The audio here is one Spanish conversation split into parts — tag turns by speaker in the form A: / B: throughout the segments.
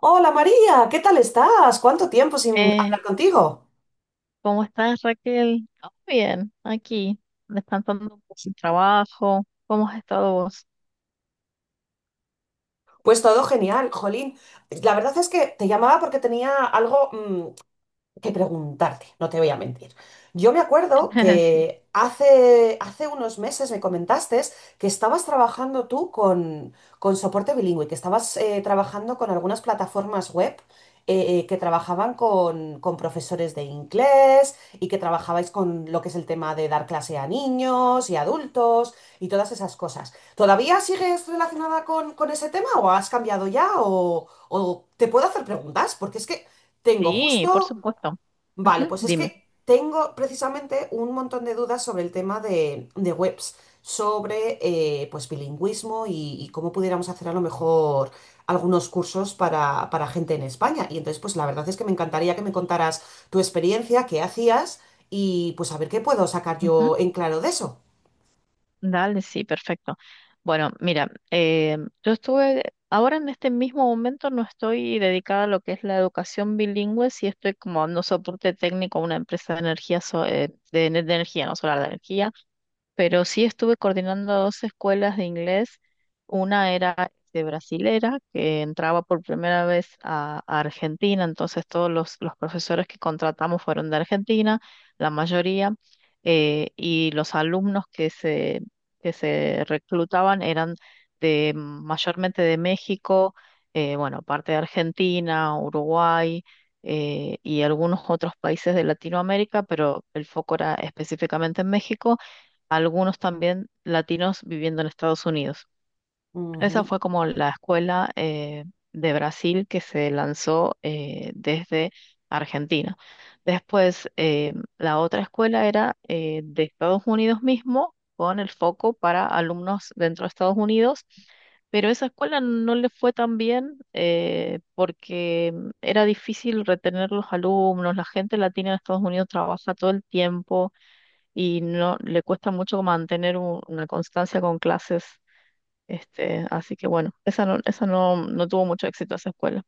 A: Hola María, ¿qué tal estás? ¿Cuánto tiempo sin
B: Eh,
A: hablar contigo?
B: ¿Cómo estás, Raquel? Oh, bien, aquí, descansando por el trabajo. ¿Cómo has estado vos?
A: Pues todo genial, Jolín. La verdad es que te llamaba porque tenía algo, que preguntarte, no te voy a mentir. Yo me acuerdo
B: Sí,
A: que hace unos meses me comentaste que estabas trabajando tú con soporte bilingüe, que estabas trabajando con algunas plataformas web que trabajaban con profesores de inglés y que trabajabais con lo que es el tema de dar clase a niños y adultos y todas esas cosas. ¿Todavía sigues relacionada con ese tema o has cambiado ya o te puedo hacer preguntas? Porque es que. Tengo
B: sí, por
A: justo.
B: supuesto.
A: Vale,
B: Ujú,
A: pues es
B: dime.
A: que tengo precisamente un montón de dudas sobre el tema de webs, sobre pues bilingüismo y cómo pudiéramos hacer a lo mejor algunos cursos para gente en España. Y entonces, pues la verdad es que me encantaría que me contaras tu experiencia, qué hacías y pues a ver qué puedo sacar yo
B: Ujú.
A: en claro de eso.
B: Dale, sí, perfecto. Bueno, mira, yo estuve, ahora en este mismo momento no estoy dedicada a lo que es la educación bilingüe, sí estoy como dando soporte técnico a una empresa de energía, de energía, no solar, de energía, pero sí estuve coordinando dos escuelas de inglés. Una era de brasilera, que entraba por primera vez a Argentina, entonces todos los profesores que contratamos fueron de Argentina, la mayoría, y los alumnos que se reclutaban eran de mayormente de México, bueno, parte de Argentina, Uruguay. Y algunos otros países de Latinoamérica, pero el foco era específicamente en México, algunos también latinos viviendo en Estados Unidos. Esa
A: Ujú.
B: fue como la escuela de Brasil que se lanzó desde Argentina. Después, la otra escuela era de Estados Unidos mismo, con el foco para alumnos dentro de Estados Unidos, pero esa escuela no le fue tan bien porque era difícil retener los alumnos, la gente latina en Estados Unidos trabaja todo el tiempo y no le cuesta mucho mantener una constancia con clases. Este, así que bueno, esa no, no tuvo mucho éxito esa escuela.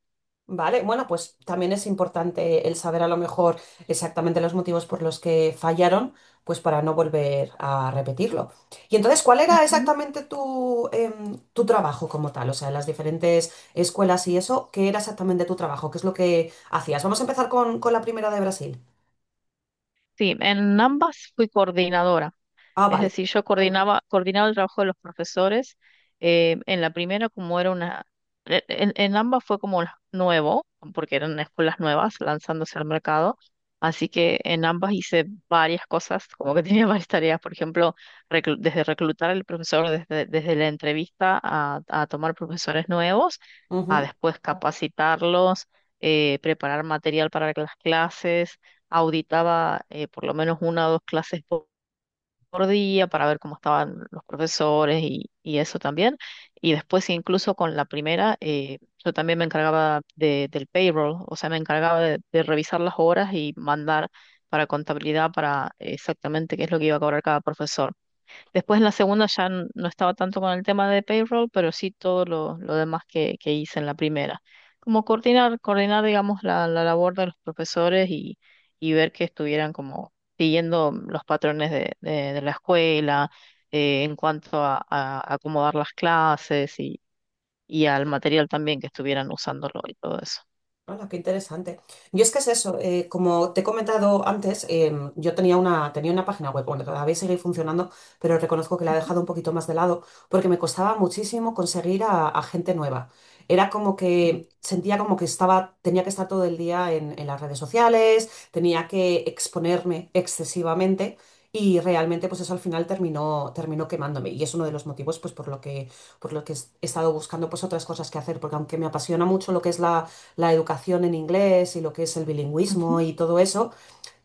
A: Vale, bueno, pues también es importante el saber a lo mejor exactamente los motivos por los que fallaron, pues para no volver a repetirlo. Y entonces, ¿cuál era
B: Ujú.
A: exactamente tu trabajo como tal? O sea, en las diferentes escuelas y eso, ¿qué era exactamente tu trabajo? ¿Qué es lo que hacías? Vamos a empezar con la primera de Brasil.
B: Sí, en ambas fui coordinadora.
A: Ah,
B: Es
A: vale.
B: decir, yo coordinaba el trabajo de los profesores. En la primera, como era una, en ambas fue como nuevo, porque eran escuelas nuevas lanzándose al mercado. Así que en ambas hice varias cosas, como que tenía varias tareas, por ejemplo, desde reclutar al profesor, desde la entrevista a tomar profesores nuevos, a después capacitarlos, preparar material para las clases, auditaba por lo menos una o dos clases por día para ver cómo estaban los profesores y eso también. Y después sí, incluso con la primera, yo también me encargaba del payroll, o sea, me encargaba de revisar las horas y mandar para contabilidad para exactamente qué es lo que iba a cobrar cada profesor. Después en la segunda ya no estaba tanto con el tema de payroll, pero sí todo lo demás que hice en la primera. Como coordinar, digamos, la labor de los profesores y ver que estuvieran como siguiendo los patrones de la escuela, en cuanto a acomodar las clases y al material también que estuvieran usándolo y todo eso.
A: Hola, qué interesante. Yo es que es eso, como te he comentado antes, yo tenía una página web, bueno, todavía sigue funcionando, pero reconozco que la he dejado un poquito más de lado porque me costaba muchísimo conseguir a gente nueva. Era como
B: Mm,
A: que sentía como que estaba, tenía que estar todo el día en las redes sociales, tenía que exponerme excesivamente y realmente pues eso al final terminó quemándome y es uno de los motivos pues por lo que he estado buscando pues otras cosas que hacer, porque aunque me apasiona mucho lo que es la educación en inglés y lo que es el bilingüismo
B: ujú.
A: y todo eso,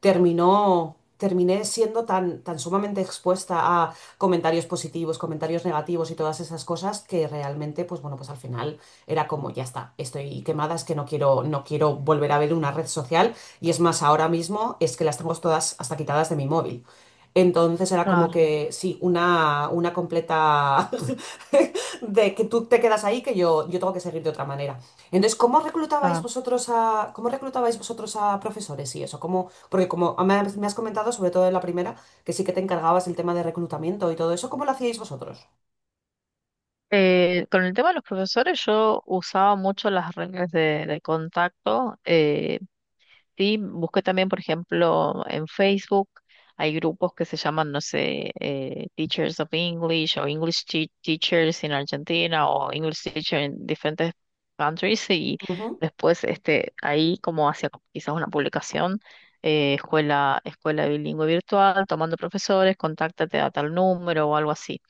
A: terminó, terminé siendo tan sumamente expuesta a comentarios positivos, comentarios negativos y todas esas cosas que realmente, pues bueno, pues al final era como, ya está, estoy quemada, es que no quiero, volver a ver una red social y es más, ahora mismo es que las tengo todas hasta quitadas de mi móvil. Entonces era como
B: Claro,
A: que sí, una completa de que tú te quedas ahí, que yo tengo que seguir de otra manera. Entonces, ¿cómo reclutabais
B: claro.
A: vosotros a, cómo reclutabais vosotros a profesores y eso? Cómo Porque como me has comentado, sobre todo en la primera, que sí que te encargabas del tema de reclutamiento y todo eso, ¿cómo lo hacíais vosotros?
B: Con el tema de los profesores, yo usaba mucho las reglas de contacto. Sí, busqué también, por ejemplo, en Facebook, hay grupos que se llaman, no sé, Teachers of English o Teachers in Argentina o English Teacher en diferentes countries. Y
A: Ujú,
B: después este, ahí como hacia quizás una publicación, escuela, escuela bilingüe virtual, tomando profesores, contáctate a tal número o algo así.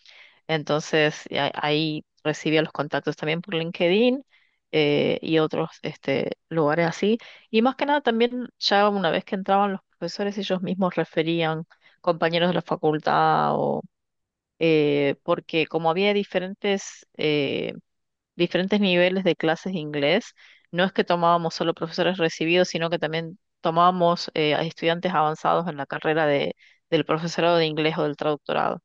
B: Entonces, ahí recibía los contactos también por LinkedIn, y otros este, lugares así. Y más que nada también ya una vez que entraban los profesores, ellos mismos referían compañeros de la facultad o porque como había diferentes niveles de clases de inglés, no es que tomábamos solo profesores recibidos, sino que también tomábamos a estudiantes avanzados en la carrera del profesorado de inglés o del traductorado.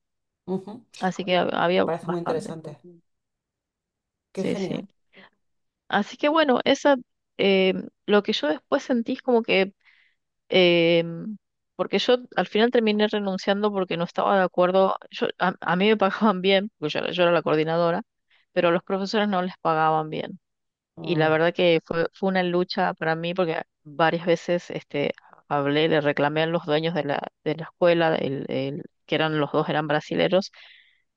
A: ujú.
B: Así que
A: Me
B: había
A: parece muy
B: bastante.
A: interesante. Qué
B: Sí,
A: genial.
B: sí. Así que bueno, esa, eh, lo que yo después sentí es como que, eh, porque yo al final terminé renunciando porque no estaba de acuerdo, yo, a mí me pagaban bien, porque yo, yo era la coordinadora, pero a los profesores no les pagaban bien. Y la
A: Mm,
B: verdad que fue una lucha para mí porque varias veces este, hablé, le reclamé a los dueños de la escuela, que eran los dos, eran brasileros,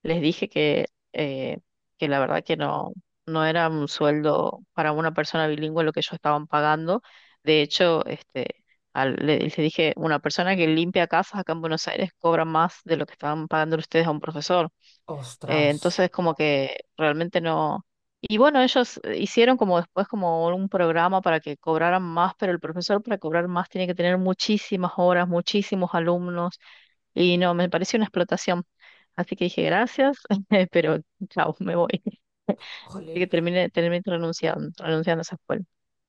B: les dije eh, que la verdad que no, no era un sueldo para una persona bilingüe lo que ellos estaban pagando. De hecho, este, les dije, una persona que limpia casas acá en Buenos Aires cobra más de lo que estaban pagando ustedes a un profesor.
A: ostras.
B: Entonces, como que realmente no... Y bueno, ellos hicieron como después como un programa para que cobraran más, pero el profesor para cobrar más tiene que tener muchísimas horas, muchísimos alumnos, y no, me pareció una explotación. Así que dije gracias, pero chao, me voy. Así que
A: Jolín.
B: terminé renunciando, renunciando a esa escuela.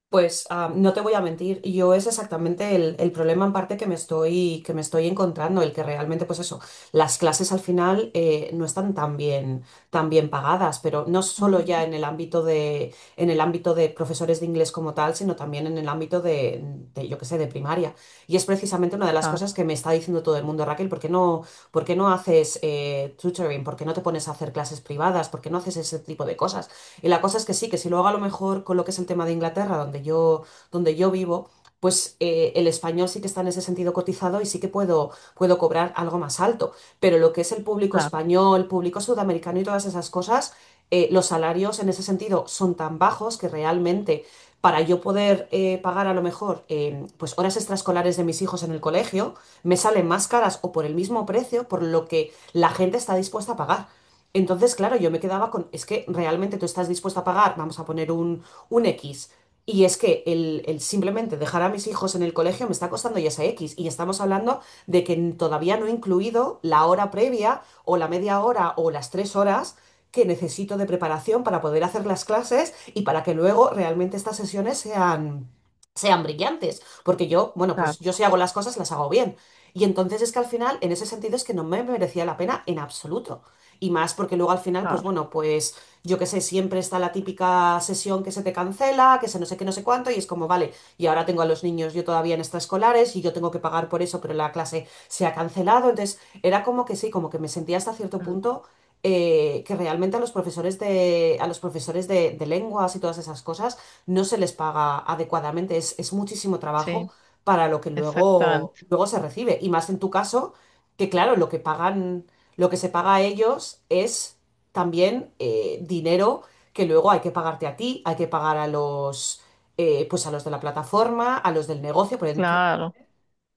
A: Pues ah, no te voy a mentir, yo es exactamente el problema en parte que me estoy, encontrando, el que realmente, pues eso, las clases al final no están tan bien pagadas, pero no solo
B: Ujú.
A: ya en el ámbito de profesores de inglés como tal, sino también en el ámbito de, yo qué sé, de primaria. Y es precisamente una de las
B: Claro,
A: cosas que me está diciendo todo el mundo, Raquel, ¿por qué no haces tutoring? ¿Por qué no te pones a hacer clases privadas? ¿Por qué no haces ese tipo de cosas? Y la cosa es que sí, que si luego a lo mejor con lo que es el tema de Inglaterra, donde yo vivo, pues el español sí que está en ese sentido cotizado y sí que puedo cobrar algo más alto. Pero lo que es el público
B: claro,
A: español, público sudamericano y todas esas cosas, los salarios en ese sentido son tan bajos que realmente para yo poder pagar a lo mejor pues horas extraescolares de mis hijos en el colegio, me salen más caras o por el mismo precio por lo que la gente está dispuesta a pagar. Entonces, claro, yo me quedaba con, es que realmente tú estás dispuesta a pagar, vamos a poner un X, y es que el simplemente dejar a mis hijos en el colegio me está costando ya ese X, y estamos hablando de que todavía no he incluido la hora previa o la media hora o las 3 horas que necesito de preparación para poder hacer las clases y para que luego realmente estas sesiones sean brillantes, porque yo, bueno, pues yo
B: claro,
A: si hago las cosas, las hago bien. Y entonces es que al final, en ese sentido, es que no me merecía la pena en absoluto y más porque luego al final, pues
B: claro.
A: bueno, pues yo qué sé, siempre está la típica sesión que se te cancela, que se no sé qué, no sé cuánto, y es como, vale, y ahora tengo a los niños yo todavía en extraescolares y yo tengo que pagar por eso, pero la clase se ha cancelado, entonces era como que sí, como que me sentía hasta cierto
B: Mm.
A: punto que realmente a los profesores de, a los profesores de lenguas y todas esas cosas no se les paga adecuadamente, es muchísimo trabajo
B: Sí,
A: para lo que luego,
B: exactamente,
A: luego se recibe, y más en tu caso, que claro, lo que pagan. Lo que se paga a ellos es también dinero que luego hay que pagarte a ti, hay que pagar pues a los de la plataforma, a los del negocio, por ejemplo,
B: claro.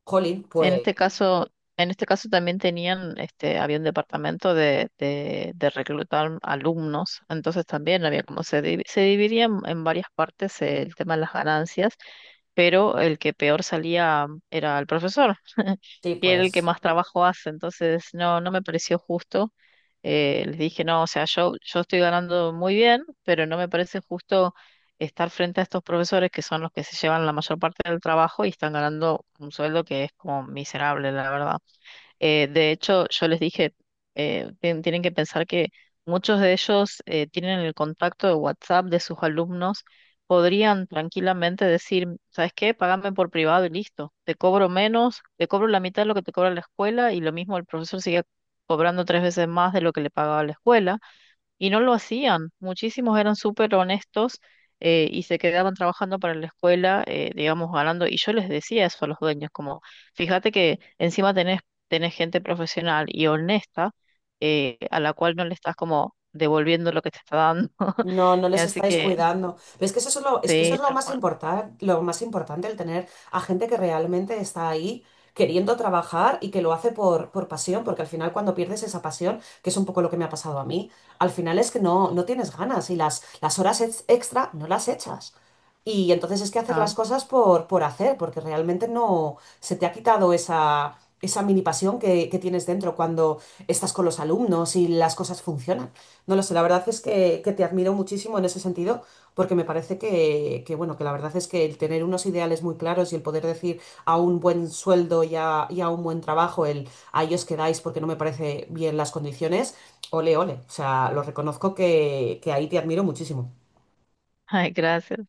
A: Jolín, pues
B: En este caso también tenían, este, había un departamento de reclutar alumnos, entonces también había como se, se dividía en varias partes el tema de las ganancias, pero el que peor salía era el profesor,
A: sí,
B: que era el que
A: pues.
B: más trabajo hace, entonces no, no me pareció justo. Les dije, no, o sea, yo estoy ganando muy bien, pero no me parece justo estar frente a estos profesores que son los que se llevan la mayor parte del trabajo y están ganando un sueldo que es como miserable, la verdad. De hecho, yo les dije, tienen que pensar que muchos de ellos tienen el contacto de WhatsApp de sus alumnos, podrían tranquilamente decir, ¿sabes qué? Págame por privado y listo. Te cobro menos, te cobro la mitad de lo que te cobra la escuela y lo mismo el profesor sigue cobrando tres veces más de lo que le pagaba la escuela. Y no lo hacían. Muchísimos eran súper honestos, y se quedaban trabajando para la escuela, digamos, ganando. Y yo les decía eso a los dueños, como, fíjate que encima tenés gente profesional y honesta, a la cual no le estás como devolviendo lo que te está dando.
A: No, no les
B: Así
A: estáis
B: que,
A: cuidando. Pero es que eso es lo, es que eso es
B: sí, tal cual.
A: lo más importante, el tener a gente que realmente está ahí queriendo trabajar y que lo hace por pasión, porque al final cuando pierdes esa pasión, que es un poco lo que me ha pasado a mí, al final es que no, tienes ganas y las horas ex- extra no las echas. Y entonces es que hacer
B: Ah.
A: las cosas por hacer, porque realmente no se te ha quitado esa mini pasión que tienes dentro cuando estás con los alumnos y las cosas funcionan. No lo sé, la verdad es que te admiro muchísimo en ese sentido, porque me parece que, bueno, que la verdad es que el tener unos ideales muy claros y el poder decir a un buen sueldo y a un buen trabajo, el a ellos quedáis porque no me parece bien las condiciones, ole, ole. O sea, lo reconozco que ahí te admiro muchísimo.
B: Ay, gracias.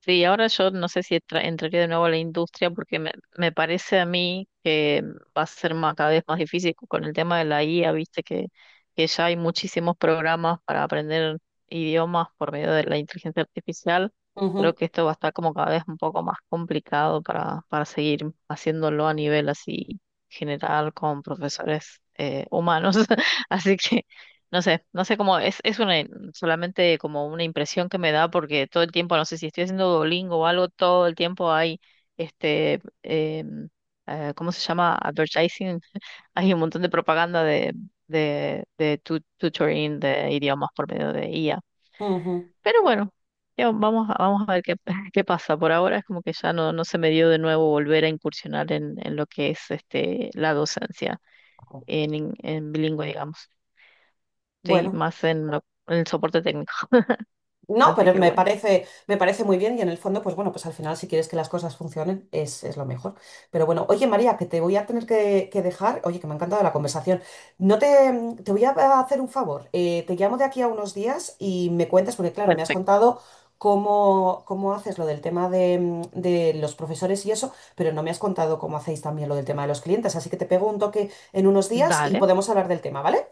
B: Sí, ahora yo no sé si entraría de nuevo a la industria porque me parece a mí que va a ser más, cada vez más difícil con el tema de la IA, viste que ya hay muchísimos programas para aprender idiomas por medio de la inteligencia artificial. Creo
A: Ujú,
B: que esto va a estar como cada vez un poco más complicado para seguir haciéndolo a nivel así general con profesores humanos. Así que no sé, no sé cómo es una, solamente como una impresión que me da porque todo el tiempo, no sé si estoy haciendo Duolingo o algo, todo el tiempo hay este, ¿cómo se llama? Advertising. Hay un montón de propaganda de tutoring de idiomas por medio de IA.
A: ujú.
B: Pero bueno, ya vamos, vamos a ver qué, qué pasa. Por ahora es como que ya no, no se me dio de nuevo volver a incursionar en lo que es este, la docencia en bilingüe, digamos. Estoy
A: Bueno.
B: más en, en el soporte técnico.
A: No,
B: Así
A: pero
B: que bueno.
A: me parece muy bien y en el fondo, pues bueno, pues al final si quieres que las cosas funcionen es lo mejor. Pero bueno, oye María, que te voy a tener que dejar, oye, que me ha encantado la conversación. No te voy a hacer un favor, te llamo de aquí a unos días y me cuentas, porque claro, me has
B: Perfecto.
A: contado cómo, cómo haces lo del tema de los profesores y eso, pero no me has contado cómo hacéis también lo del tema de los clientes, así que te pego un toque en unos días y
B: Dale,
A: podemos hablar del tema, ¿vale?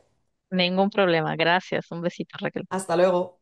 B: ningún problema. Gracias. Un besito, Raquel.
A: Hasta luego.